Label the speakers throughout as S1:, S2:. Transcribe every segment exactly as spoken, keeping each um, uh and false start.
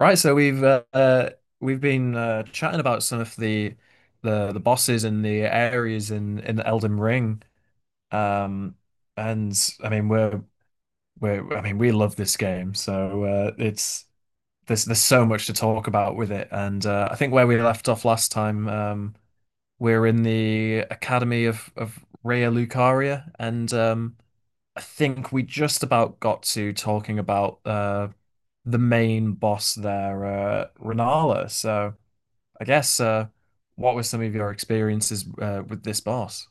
S1: Right, so we've uh, uh, we've been uh, chatting about some of the the the bosses and the areas in in Elden Ring, um, and I mean we're we're I mean we love this game, so uh, it's there's there's so much to talk about with it, and uh, I think where we left off last time, um, we're in the Academy of of Rhea Lucaria, and um, I think we just about got to talking about uh, the main boss there, uh, Rennala. So. I guess uh, what were some of your experiences uh, with this boss?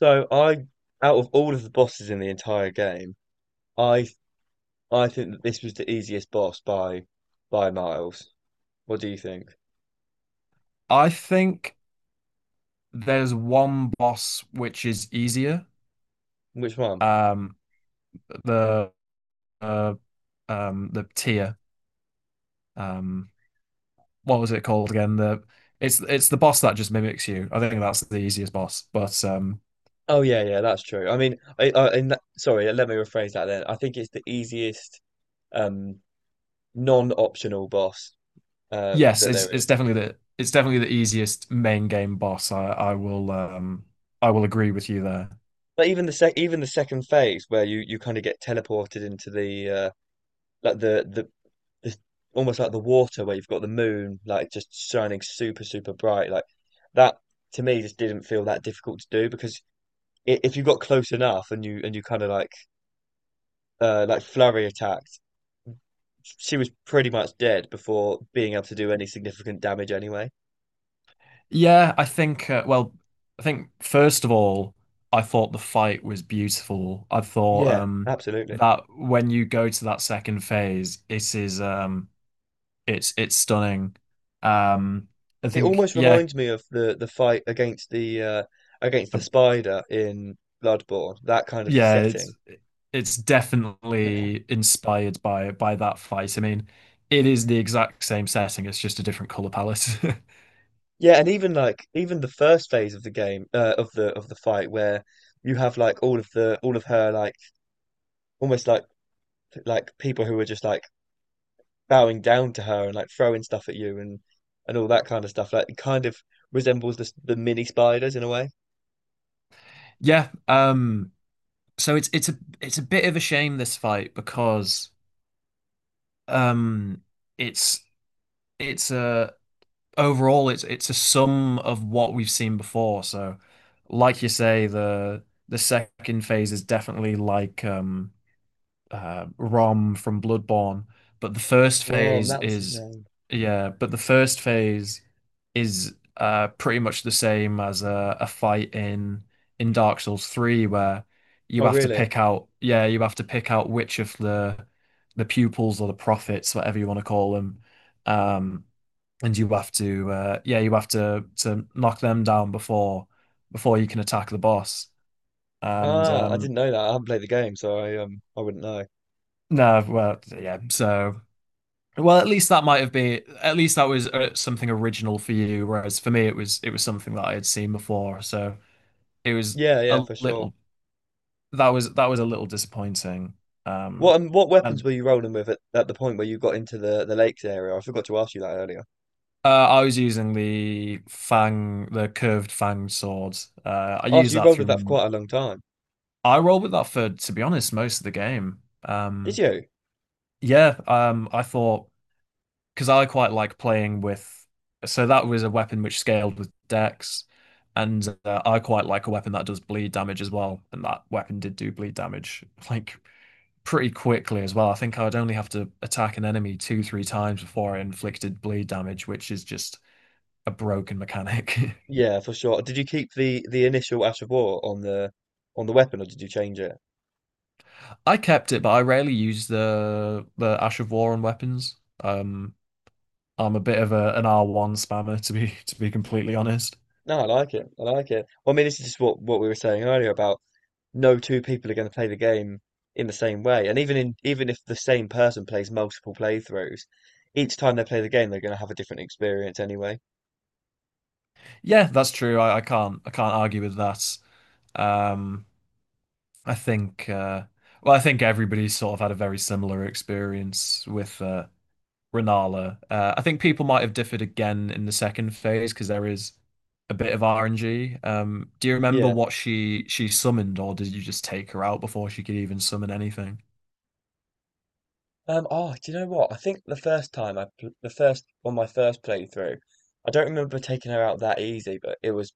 S2: So I, out of all of the bosses in the entire game, I I think that this was the easiest boss by by miles. What do you think?
S1: I think there's one boss which is easier.
S2: Which one?
S1: Um, the uh, um, the tier. Um, what was it called again? The it's it's the boss that just mimics you. I think that's the easiest boss. But um,
S2: Oh yeah, yeah, that's true. I mean, I, I in that, sorry, let me rephrase that then. I think it's the easiest um non-optional boss uh
S1: yes,
S2: that
S1: it's
S2: there
S1: it's
S2: is.
S1: definitely the it's definitely the easiest main game boss. I I will um I will agree with you there.
S2: But even the sec even the second phase where you you kind of get teleported into the uh like the the the almost like the water where you've got the moon like just shining super, super bright like that, to me, just didn't feel that difficult to do because i- if you got close enough and you and you kind of like uh like flurry attacked, she was pretty much dead before being able to do any significant damage anyway.
S1: Yeah, I think, uh, well, I think first of all, I thought the fight was beautiful. I thought
S2: Yeah,
S1: um
S2: absolutely.
S1: that when you go to that second phase, it is um it's it's stunning. Um I
S2: It
S1: think
S2: almost
S1: yeah,
S2: reminds me of the the fight against the uh against
S1: uh,
S2: the spider in Bloodborne, that kind of
S1: yeah, it's
S2: setting.
S1: it's definitely inspired by by that fight. I mean, it is the exact same setting, it's just a different color palette.
S2: Yeah, and even like even the first phase of the game, uh, of the of the fight where you have like all of the all of her like almost like like people who are just like bowing down to her and like throwing stuff at you, and and all that kind of stuff. Like, it kind of resembles the the mini spiders in a way.
S1: Yeah, um so it's it's a it's a bit of a shame this fight because Um, it's it's a overall it's it's a sum of what we've seen before. So, like you say, the the second phase is definitely like um uh, Rom from Bloodborne. But the first
S2: Rom,
S1: phase
S2: that was his
S1: is,
S2: name.
S1: Yeah, but the first phase is uh, pretty much the same as a, a fight in in Dark Souls three where you
S2: Oh,
S1: have to
S2: really?
S1: pick out, yeah, you have to pick out which of the the pupils or the prophets, whatever you want to call them, um, and you have to, uh, yeah, you have to to knock them down before before you can attack the boss. And
S2: Ah, I
S1: um,
S2: didn't know that. I haven't played the game, so I um I wouldn't know.
S1: no, well, yeah, so. Well, at least that might have been at least that was uh, something original for you, whereas for me it was it was something that I had seen before, so it was
S2: Yeah, yeah,
S1: a
S2: for sure.
S1: little that was that was a little disappointing.
S2: What
S1: Um,
S2: um, what weapons
S1: and
S2: were you rolling with at, at the point where you got into the the lakes area? I forgot to ask you that earlier.
S1: uh, I was using the fang, the curved fang sword. Uh, I
S2: Oh,
S1: use
S2: so you
S1: that
S2: rolled with that for
S1: through.
S2: quite a long time.
S1: I rolled with that for, to be honest, most of the game.
S2: Did
S1: Um,
S2: you?
S1: yeah, um, I thought because I quite like playing with. So that was a weapon which scaled with dex, and uh, I quite like a weapon that does bleed damage as well. And that weapon did do bleed damage like pretty quickly as well. I think I'd only have to attack an enemy two, three times before I inflicted bleed damage, which is just a broken mechanic.
S2: Yeah, for sure. Did you keep the the initial Ash of War on the on the weapon, or did you change it?
S1: I kept it, but I rarely use the the Ash of War on weapons. Um, I'm a bit of a, an R one spammer to be to be completely honest.
S2: No, I like it. I like it. Well, I mean, this is just what what we were saying earlier about no two people are going to play the game in the same way, and even in even if the same person plays multiple playthroughs, each time they play the game, they're going to have a different experience anyway.
S1: Yeah, that's true. I, I can't I can't argue with that. Um, I think uh, well, I think everybody's sort of had a very similar experience with uh, Rennala. Uh, I think people might have differed again in the second phase because there is a bit of R N G. Um, do you remember
S2: Yeah.
S1: what she she summoned, or did you just take her out before she could even summon anything?
S2: Um. Oh, do you know what? I think the first time I pl- the first on my first playthrough, I don't remember taking her out that easy, but it was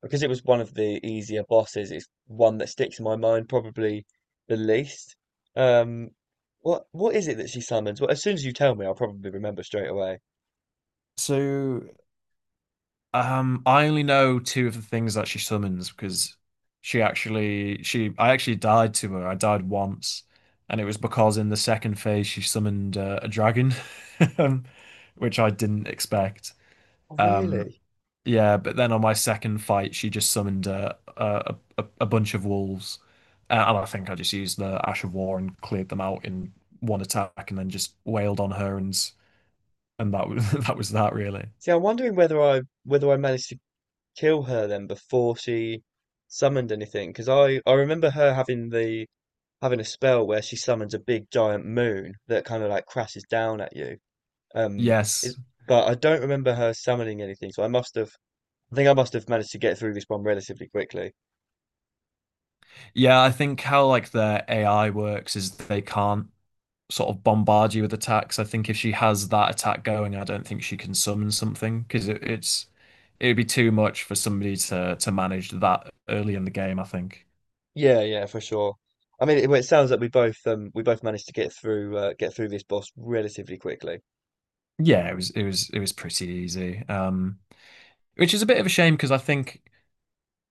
S2: because it was one of the easier bosses, it's one that sticks in my mind probably the least. Um, what what is it that she summons? Well, as soon as you tell me, I'll probably remember straight away.
S1: So Um, I only know two of the things that she summons because she actually she I actually died to her. I died once, and it was because in the second phase she summoned uh, a dragon, um, which I didn't expect.
S2: Oh,
S1: Um,
S2: really?
S1: yeah, but then on my second fight she just summoned uh, a a a bunch of wolves, uh, and I think I just used the Ash of War and cleared them out in one attack, and then just wailed on her and and that was that was that really.
S2: See, I'm wondering whether I whether I managed to kill her then before she summoned anything, because I I remember her having the having a spell where she summons a big giant moon that kind of like crashes down at you. Um, is
S1: Yes.
S2: but I don't remember her summoning anything, so I must have I think I must have managed to get through this one relatively quickly.
S1: Yeah, I think how like their A I works is they can't sort of bombard you with attacks. I think if she has that attack going, I don't think she can summon something because it, it's it would be too much for somebody to to manage that early in the game, I think.
S2: Yeah, yeah, for sure. I mean, it, well, it sounds like we both um we both managed to get through uh, get through this boss relatively quickly.
S1: Yeah, it was it was it was pretty easy. Um, which is a bit of a shame because I think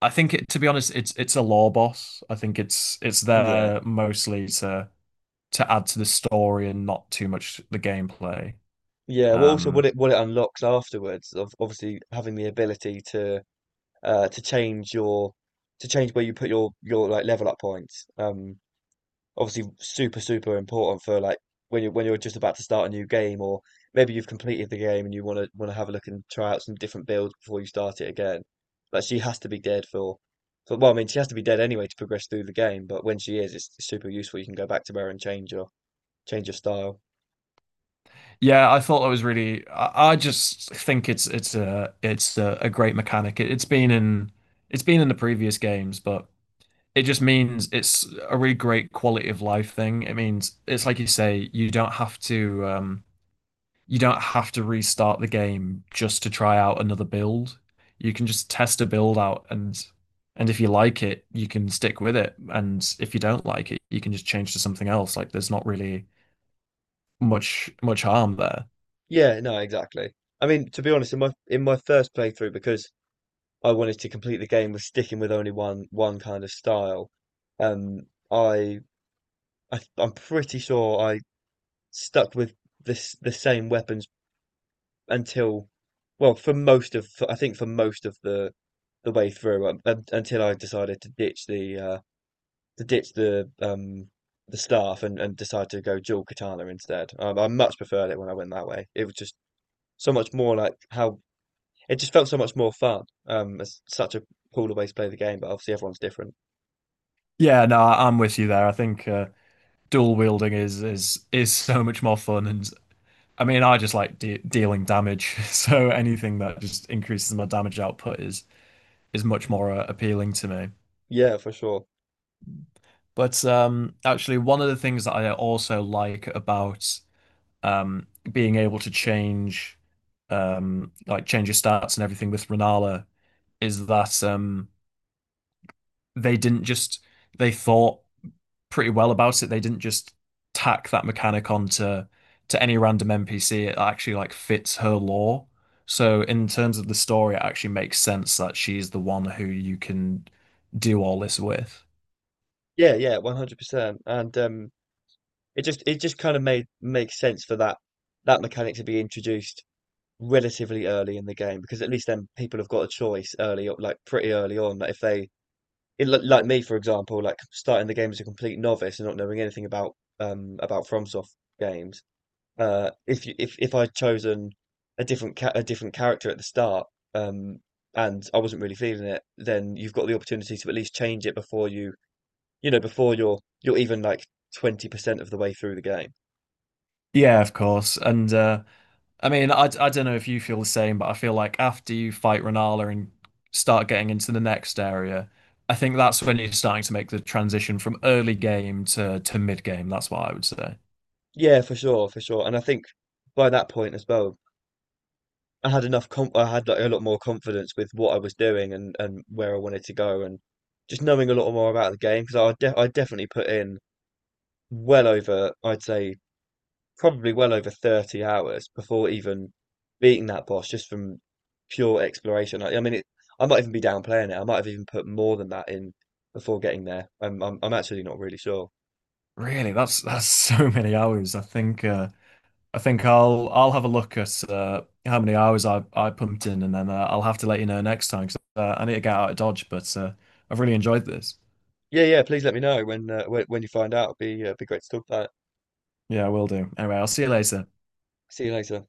S1: I think it, to be honest, it's it's a lore boss. I think it's it's
S2: Yeah,
S1: there mostly to to add to the story and not too much the gameplay.
S2: yeah. Well, also what
S1: Um
S2: it what it unlocks afterwards of obviously having the ability to uh to change your to change where you put your your like level up points. Um, obviously super, super important for like when you're when you're just about to start a new game, or maybe you've completed the game and you want to want to have a look and try out some different builds before you start it again. Like, she has to be dead for, for well, I mean, she has to be dead anyway to progress through the game, but when she is, it's super useful. You can go back to her and change your change your style.
S1: Yeah, I thought that was really. I, I just think it's it's a it's a, a great mechanic. It, it's been in it's been in the previous games, but it just means it's a really great quality of life thing. It means it's like you say, you don't have to um, you don't have to restart the game just to try out another build. You can just test a build out, and and if you like it, you can stick with it, and if you don't like it, you can just change to something else. Like there's not really much much harm there.
S2: Yeah, no, exactly. I mean, to be honest, in my in my first playthrough, because I wanted to complete the game with sticking with only one one kind of style, um, I, I I'm pretty sure I stuck with this the same weapons until, well, for most of I think for most of the the way through um, un- until I decided to ditch the uh to ditch the um the staff and and decide to go dual katana instead. Um, I much preferred it when I went that way. It was just so much more like how it just felt so much more fun. Um, it's such a cooler way to play the game, but obviously everyone's different.
S1: Yeah, no, I- I'm with you there. I think uh, dual wielding is is is so much more fun, and I mean, I just like de dealing damage, so anything that just increases my damage output is is much more uh, appealing to me.
S2: Yeah, for sure.
S1: But um, actually, one of the things that I also like about um, being able to change, um, like change your stats and everything with Renala is that um, they didn't just they thought. Pretty well about it. They didn't just tack that mechanic onto to any random N P C. It actually like fits her lore. So in terms of the story, it actually makes sense that she's the one who you can do all this with.
S2: Yeah, yeah, one hundred percent. And um it just it just kind of made makes sense for that that mechanic to be introduced relatively early in the game because at least then people have got a choice early, o- like pretty early on. Like, if they, in, li- like me, for example, like starting the game as a complete novice and not knowing anything about um about FromSoft games. Uh, if you if if I'd chosen a different ca a different character at the start, um, and I wasn't really feeling it, then you've got the opportunity to at least change it before you you know, before you're you're even like twenty percent of the way through the game.
S1: Yeah, of course. And uh, I mean, I I don't know if you feel the same, but I feel like after you fight Renala and start getting into the next area, I think that's when you're starting to make the transition from early game to to mid game. That's what I would say.
S2: Yeah, for sure, for sure. And I think by that point as well, I had enough comp I had like a lot more confidence with what I was doing and and where I wanted to go, and just knowing a lot more about the game because I de I definitely put in well over I'd say probably well over thirty hours before even beating that boss just from pure exploration. I, I mean, it, I might even be downplaying it. I might have even put more than that in before getting there. I'm, I'm, I'm actually not really sure.
S1: Really, that's that's so many hours. I think uh, I think I'll I'll have a look at uh, how many hours I I pumped in, and then uh, I'll have to let you know next time because uh, I need to get out of Dodge. But uh, I've really enjoyed this.
S2: Yeah, yeah. Please let me know when uh, when, when you find out. It'd be uh, be great to talk about. It.
S1: Yeah, I will do. Anyway, I'll see you later.
S2: See you later.